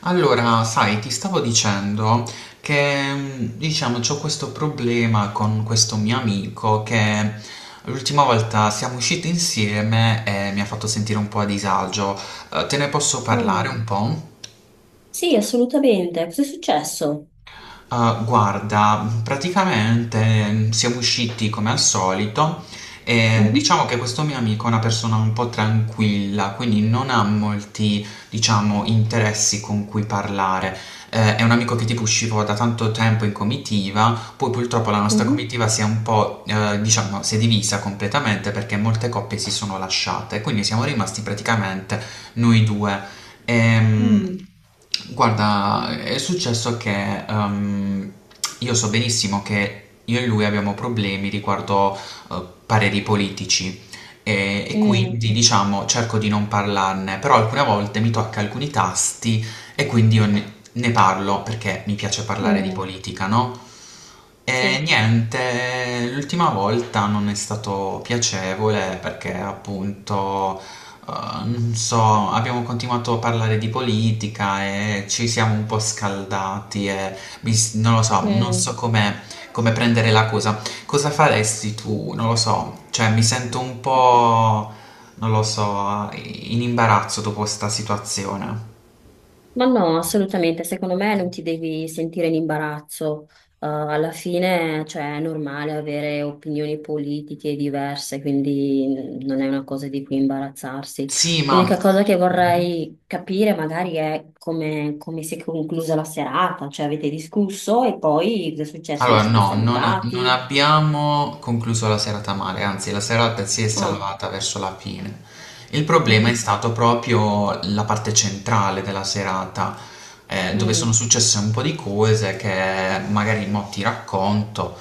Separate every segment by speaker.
Speaker 1: Allora, sai, ti stavo dicendo che, diciamo, c'ho questo problema con questo mio amico che l'ultima volta siamo usciti insieme e mi ha fatto sentire un po' a disagio. Te ne posso parlare
Speaker 2: Oh,
Speaker 1: un po'?
Speaker 2: sì, assolutamente. Cos'è successo?
Speaker 1: Ah, guarda, praticamente siamo usciti come al solito e
Speaker 2: Mhm.
Speaker 1: diciamo che questo mio amico è una persona un po' tranquilla, quindi non ha molti, diciamo, interessi con cui parlare. È un amico che tipo uscivo da tanto tempo in comitiva, poi purtroppo la nostra
Speaker 2: mhm,
Speaker 1: comitiva si è un po', diciamo, si è divisa completamente perché molte coppie si sono lasciate, quindi siamo rimasti praticamente noi due. Ehm,
Speaker 2: mm,
Speaker 1: guarda, è successo che io so benissimo che io e lui abbiamo problemi riguardo pareri politici e
Speaker 2: mm,
Speaker 1: quindi diciamo cerco di non parlarne, però alcune volte mi tocca alcuni tasti e quindi io ne parlo perché mi piace parlare di
Speaker 2: mm.
Speaker 1: politica, no? E
Speaker 2: Sì.
Speaker 1: niente, l'ultima volta non è stato piacevole perché appunto, eh, non so, abbiamo continuato a parlare di politica e ci siamo un po' scaldati e non lo so, non
Speaker 2: mm.
Speaker 1: so come, come prendere la cosa. Cosa faresti tu? Non lo so, cioè mi sento un po', non lo so, in imbarazzo dopo sta situazione.
Speaker 2: Ma no, assolutamente. Secondo me non ti devi sentire in imbarazzo. Alla fine, cioè, è normale avere opinioni politiche diverse, quindi non è una cosa di cui imbarazzarsi.
Speaker 1: Sì, ma...
Speaker 2: L'unica cosa che vorrei capire magari è come, come si è conclusa la serata, cioè avete discusso e poi cosa è successo? Vi
Speaker 1: Allora,
Speaker 2: siete
Speaker 1: no, non
Speaker 2: salutati?
Speaker 1: abbiamo concluso la serata male, anzi la serata si è
Speaker 2: Mm.
Speaker 1: salvata verso la fine. Il problema è
Speaker 2: Mhm.
Speaker 1: stato proprio la parte centrale della serata, dove sono
Speaker 2: Mm.
Speaker 1: successe un po' di cose che magari mo ti racconto,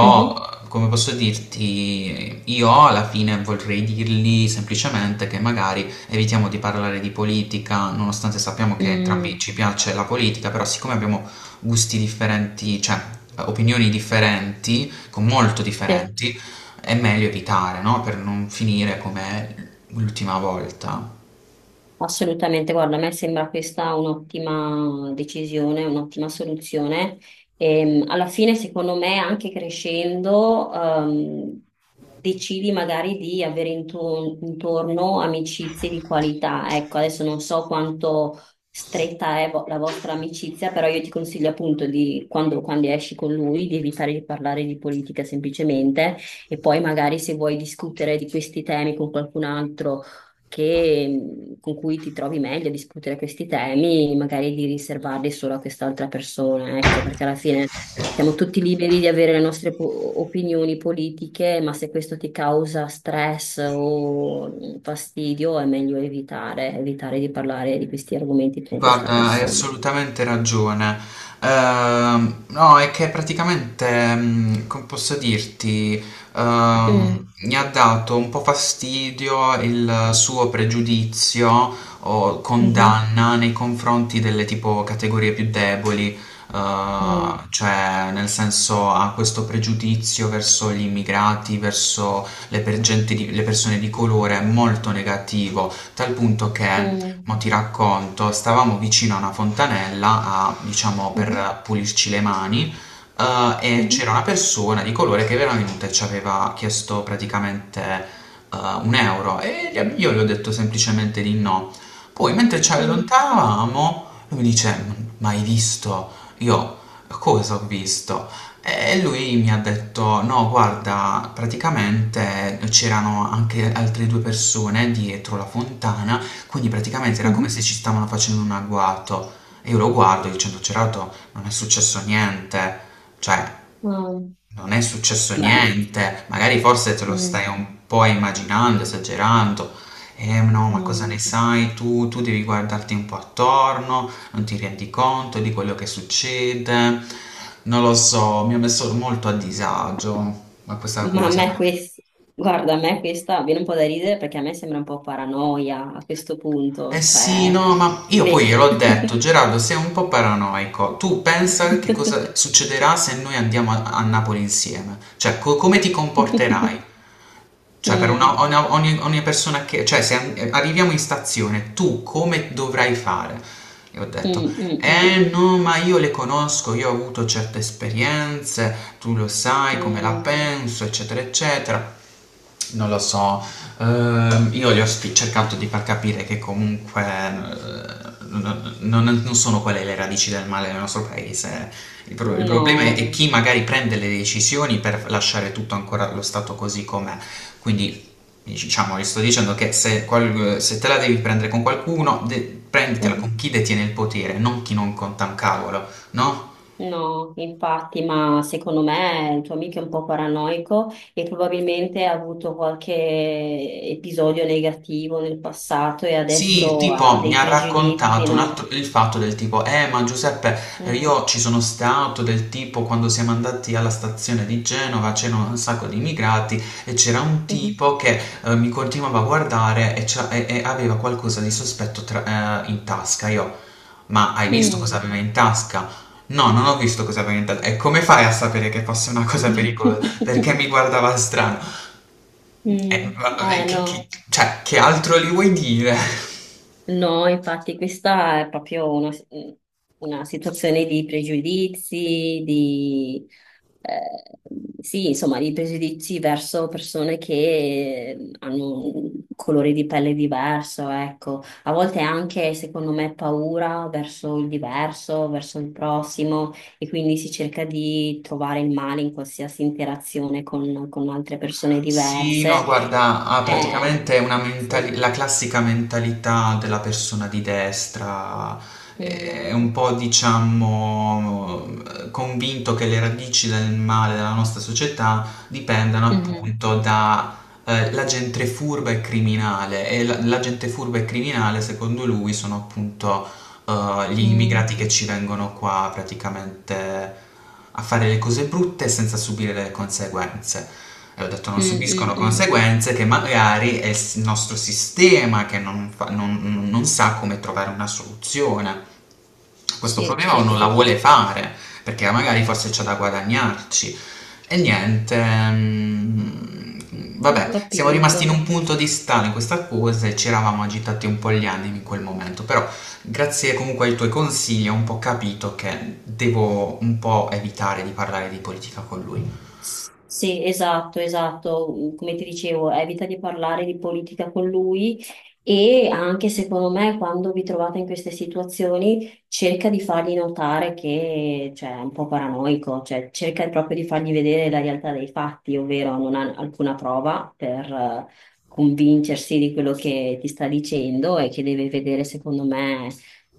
Speaker 2: Mhm.
Speaker 1: come posso dirti, io alla fine vorrei dirgli semplicemente che magari evitiamo di parlare di politica, nonostante sappiamo che entrambi
Speaker 2: Mm.
Speaker 1: ci piace la politica, però siccome abbiamo gusti differenti, cioè opinioni differenti, con molto
Speaker 2: Sì.
Speaker 1: differenti, è meglio evitare, no? Per non finire come l'ultima volta.
Speaker 2: Assolutamente, guarda, a me sembra questa un'ottima decisione, un'ottima soluzione. Alla fine, secondo me, anche crescendo, decidi magari di avere intorno amicizie di qualità. Ecco, adesso non so quanto stretta è la vostra amicizia, però io ti consiglio appunto di, quando, quando esci con lui, di evitare di parlare di politica semplicemente e poi magari se vuoi discutere di questi temi con qualcun altro con cui ti trovi meglio a discutere questi temi, magari di riservarli solo a quest'altra persona, ecco, perché alla fine siamo tutti liberi di avere le nostre opinioni politiche, ma se questo ti causa stress o fastidio, è meglio evitare, evitare di parlare di questi argomenti con questa
Speaker 1: Guarda, hai
Speaker 2: persona.
Speaker 1: assolutamente ragione. No, è che praticamente, come posso dirti,
Speaker 2: Mm.
Speaker 1: mi ha dato un po' fastidio il suo pregiudizio o
Speaker 2: Mhm.
Speaker 1: condanna nei confronti delle tipo categorie più deboli,
Speaker 2: mm,
Speaker 1: cioè nel senso ha questo pregiudizio verso gli immigrati, verso gente le persone di colore molto negativo, tal punto che
Speaker 2: mm,
Speaker 1: mo' ti racconto, stavamo vicino a una fontanella a, diciamo,
Speaker 2: mhm,
Speaker 1: per pulirci le mani, e c'era
Speaker 2: mhm,
Speaker 1: una persona di colore che era venuta e ci aveva chiesto praticamente eh, un euro e io gli ho detto semplicemente di no. Poi, mentre ci
Speaker 2: mm,
Speaker 1: allontanavamo, lui mi dice: "Ma hai visto?" Io cosa ho visto? E lui mi ha detto: "No, guarda, praticamente c'erano anche altre due persone dietro la fontana, quindi praticamente era come
Speaker 2: mhm.
Speaker 1: se ci stavano facendo un agguato" e io lo guardo dicendo: "Cerato non è successo niente, cioè
Speaker 2: Ah.
Speaker 1: non è successo
Speaker 2: Beh.
Speaker 1: niente, magari forse te lo
Speaker 2: Mm,
Speaker 1: stai un po' immaginando, esagerando." "Eh no, ma cosa ne
Speaker 2: mm.
Speaker 1: sai tu? Tu devi guardarti un po' attorno, non ti rendi conto di quello che succede." Non lo so, mi ha messo molto a disagio ma questa
Speaker 2: Ma a
Speaker 1: cosa.
Speaker 2: me questo, guarda, a me questa viene un po' da ridere perché a me sembra un po' paranoia a questo punto,
Speaker 1: Eh sì,
Speaker 2: cioè,
Speaker 1: no, ma io poi
Speaker 2: ve-
Speaker 1: gliel'ho detto: "Gerardo, sei un po' paranoico. Tu pensa che cosa succederà se noi andiamo a, a Napoli insieme? Cioè, come ti comporterai? Cioè, per
Speaker 2: Mm,
Speaker 1: ogni, ogni persona che... Cioè, se arriviamo in stazione, tu come dovrai fare?" Io ho detto,
Speaker 2: mm, mm, mm,
Speaker 1: eh no, ma io le conosco, io ho avuto certe esperienze, tu lo sai come la
Speaker 2: mm.
Speaker 1: penso, eccetera, eccetera. Non lo so, io cercato di far capire che comunque non sono quelle le radici del male nel nostro paese. Il, il problema
Speaker 2: No,
Speaker 1: è chi magari prende le decisioni per lasciare tutto ancora lo stato così com'è. Quindi, diciamo, gli sto dicendo che se, se te la devi prendere con qualcuno, prenditela con chi detiene il potere, non chi non conta un cavolo, no?
Speaker 2: no, infatti, ma secondo me il tuo amico è un po' paranoico e probabilmente ha avuto qualche episodio negativo nel passato e
Speaker 1: Sì,
Speaker 2: adesso ha
Speaker 1: tipo mi
Speaker 2: dei
Speaker 1: ha
Speaker 2: pregiudizi,
Speaker 1: raccontato
Speaker 2: no?
Speaker 1: il fatto del tipo, ma Giuseppe,
Speaker 2: Mm,
Speaker 1: io ci sono stato del tipo quando siamo andati alla stazione di Genova, c'erano un sacco di immigrati e c'era un
Speaker 2: mm,
Speaker 1: tipo che mi continuava a guardare e, e aveva qualcosa di sospetto in tasca. Io, ma hai visto cosa
Speaker 2: mm.
Speaker 1: aveva in tasca? No, non ho visto cosa aveva in tasca. E come fai a sapere che fosse una cosa pericolosa? Perché mi guardava strano. E-
Speaker 2: Mm.
Speaker 1: e
Speaker 2: Eh, no,
Speaker 1: cioè, che altro gli vuoi dire?
Speaker 2: no, infatti questa è proprio una situazione di pregiudizi, di, eh, sì, insomma, di pregiudizi verso persone che hanno un colore di pelle diverso, ecco. A volte anche, secondo me, paura verso il diverso, verso il prossimo, e quindi si cerca di trovare il male in qualsiasi interazione con altre persone
Speaker 1: Sì, no,
Speaker 2: diverse.
Speaker 1: guarda, ha
Speaker 2: Eh,
Speaker 1: praticamente una
Speaker 2: sì.
Speaker 1: la classica mentalità della persona di destra, è
Speaker 2: Mm,
Speaker 1: un po', diciamo, convinto che le radici del male della nostra società dipendano
Speaker 2: mhm,
Speaker 1: appunto da la gente furba e criminale, e la gente furba e criminale, secondo lui, sono appunto gli
Speaker 2: mm,
Speaker 1: immigrati che ci vengono qua praticamente a fare le cose brutte senza subire le conseguenze. E ho detto non
Speaker 2: mm, mm,
Speaker 1: subiscono
Speaker 2: mm.
Speaker 1: conseguenze che magari è nostro sistema che non fa- non- non sa come trovare una soluzione questo
Speaker 2: Sì,
Speaker 1: problema o
Speaker 2: sì,
Speaker 1: non la
Speaker 2: sì,
Speaker 1: vuole fare, perché magari forse c'è da guadagnarci. E niente,
Speaker 2: ho
Speaker 1: vabbè, siamo rimasti in
Speaker 2: capito.
Speaker 1: un punto di stallo in questa cosa e ci eravamo agitati un po' gli animi in quel momento, però grazie comunque ai tuoi consigli ho un po' capito che devo un po' evitare di parlare di politica con lui.
Speaker 2: Sì, esatto, esatto. Come ti dicevo, evita di parlare di politica con lui e anche secondo me quando vi trovate in queste situazioni cerca di fargli notare che cioè, è un po' paranoico, cioè cerca proprio di fargli vedere la realtà dei fatti, ovvero non ha alcuna prova per convincersi di quello che ti sta dicendo e che deve vedere secondo me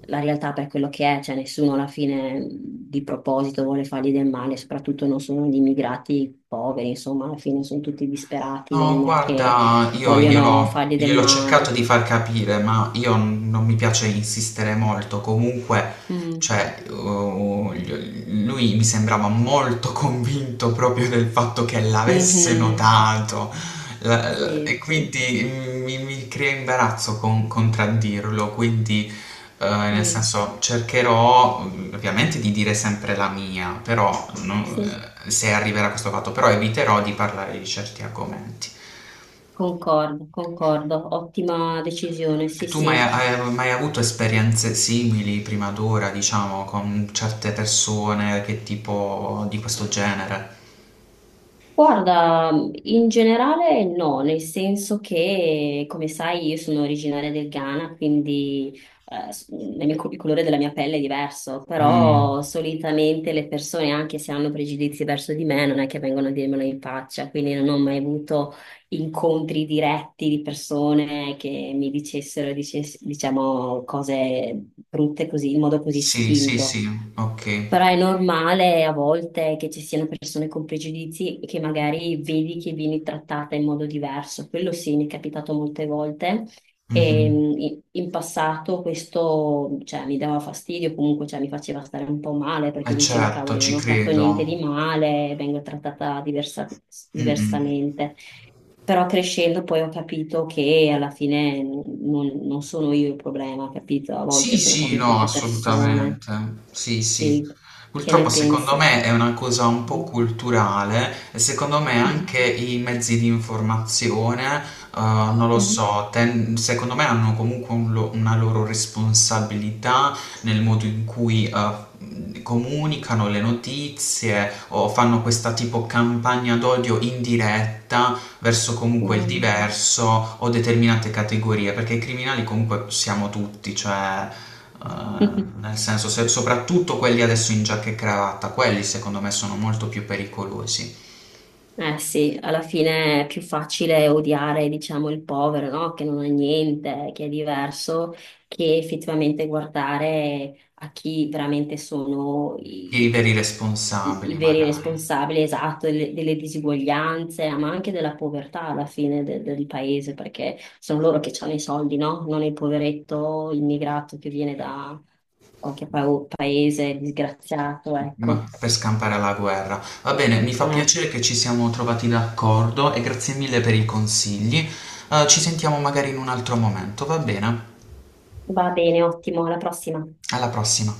Speaker 2: la realtà per quello che è, cioè nessuno alla fine di proposito vuole fargli del male, soprattutto non sono gli immigrati poveri, insomma, alla fine sono tutti disperati,
Speaker 1: No,
Speaker 2: non è che
Speaker 1: guarda, io
Speaker 2: vogliono
Speaker 1: gliel'ho
Speaker 2: fargli del
Speaker 1: gliel'ho cercato
Speaker 2: male.
Speaker 1: di far capire, ma io non mi piace insistere molto. Comunque,
Speaker 2: Mm.
Speaker 1: cioè, lui mi sembrava molto convinto proprio del fatto che l'avesse
Speaker 2: Mhm.
Speaker 1: notato. E
Speaker 2: Sì, sì.
Speaker 1: quindi mi crea imbarazzo contraddirlo. Quindi, nel
Speaker 2: Mm.
Speaker 1: senso, cercherò ovviamente di dire sempre la mia, però no,
Speaker 2: Sì.
Speaker 1: se arriverà questo fatto, però eviterò di parlare di certi argomenti.
Speaker 2: Concordo, concordo, ottima decisione,
Speaker 1: E
Speaker 2: sì,
Speaker 1: tu mai,
Speaker 2: sì.
Speaker 1: hai mai avuto esperienze simili prima d'ora, diciamo, con certe persone che tipo di questo genere?
Speaker 2: Guarda, in generale no, nel senso che, come sai, io sono originaria del Ghana, quindi la mia il colore della mia pelle è diverso,
Speaker 1: Mm,
Speaker 2: però solitamente le persone, anche se hanno pregiudizi verso di me, non è che vengono a dirmelo in faccia, quindi non ho mai avuto incontri diretti di persone che mi dicessero, diciamo, cose brutte così, in modo così
Speaker 1: sì, sì,
Speaker 2: spinto.
Speaker 1: sì, ok.
Speaker 2: Però è normale a volte che ci siano persone con pregiudizi che magari vedi che vieni trattata in modo diverso. Quello sì, mi è capitato molte volte. E
Speaker 1: Mhm.
Speaker 2: in passato questo, cioè, mi dava fastidio, comunque, cioè, mi faceva stare un po' male perché
Speaker 1: Eh
Speaker 2: dicevo,
Speaker 1: certo,
Speaker 2: cavoli, non
Speaker 1: ci
Speaker 2: ho fatto
Speaker 1: credo.
Speaker 2: niente di male,
Speaker 1: Mm-mm.
Speaker 2: diversamente. Però crescendo poi ho capito che alla fine non, non sono io il problema, capito? A volte
Speaker 1: Sì,
Speaker 2: sono
Speaker 1: sì,
Speaker 2: proprio
Speaker 1: no,
Speaker 2: queste persone.
Speaker 1: assolutamente. Sì, sì.
Speaker 2: Sì, che
Speaker 1: Purtroppo
Speaker 2: ne
Speaker 1: secondo
Speaker 2: pensi?
Speaker 1: me è una cosa un po'
Speaker 2: Mm.
Speaker 1: culturale e secondo me anche i mezzi di informazione, non lo
Speaker 2: Mhm.
Speaker 1: so, secondo me hanno comunque una loro responsabilità nel modo in cui comunicano le notizie o fanno questa tipo campagna d'odio indiretta verso comunque il
Speaker 2: Mhm. Mm.
Speaker 1: diverso o determinate categorie, perché i criminali comunque siamo tutti, cioè eh, nel senso soprattutto quelli adesso in giacca e cravatta, quelli secondo me sono molto più pericolosi,
Speaker 2: Eh sì, alla fine è più facile odiare, diciamo, il povero, no? Che non ha niente, che è diverso, che effettivamente guardare a chi veramente sono
Speaker 1: i
Speaker 2: i,
Speaker 1: veri
Speaker 2: i
Speaker 1: responsabili
Speaker 2: veri
Speaker 1: magari.
Speaker 2: responsabili, esatto, delle, delle disuguaglianze, ma anche della povertà alla fine del paese, perché sono loro che hanno i soldi, no? Non il poveretto immigrato che viene da qualche paese disgraziato, ecco.
Speaker 1: Per scampare alla guerra. Va bene, mi fa
Speaker 2: Eh,
Speaker 1: piacere che ci siamo trovati d'accordo e grazie mille per i consigli. Ci sentiamo magari in un altro momento, va bene?
Speaker 2: va bene, ottimo, alla prossima.
Speaker 1: Alla prossima.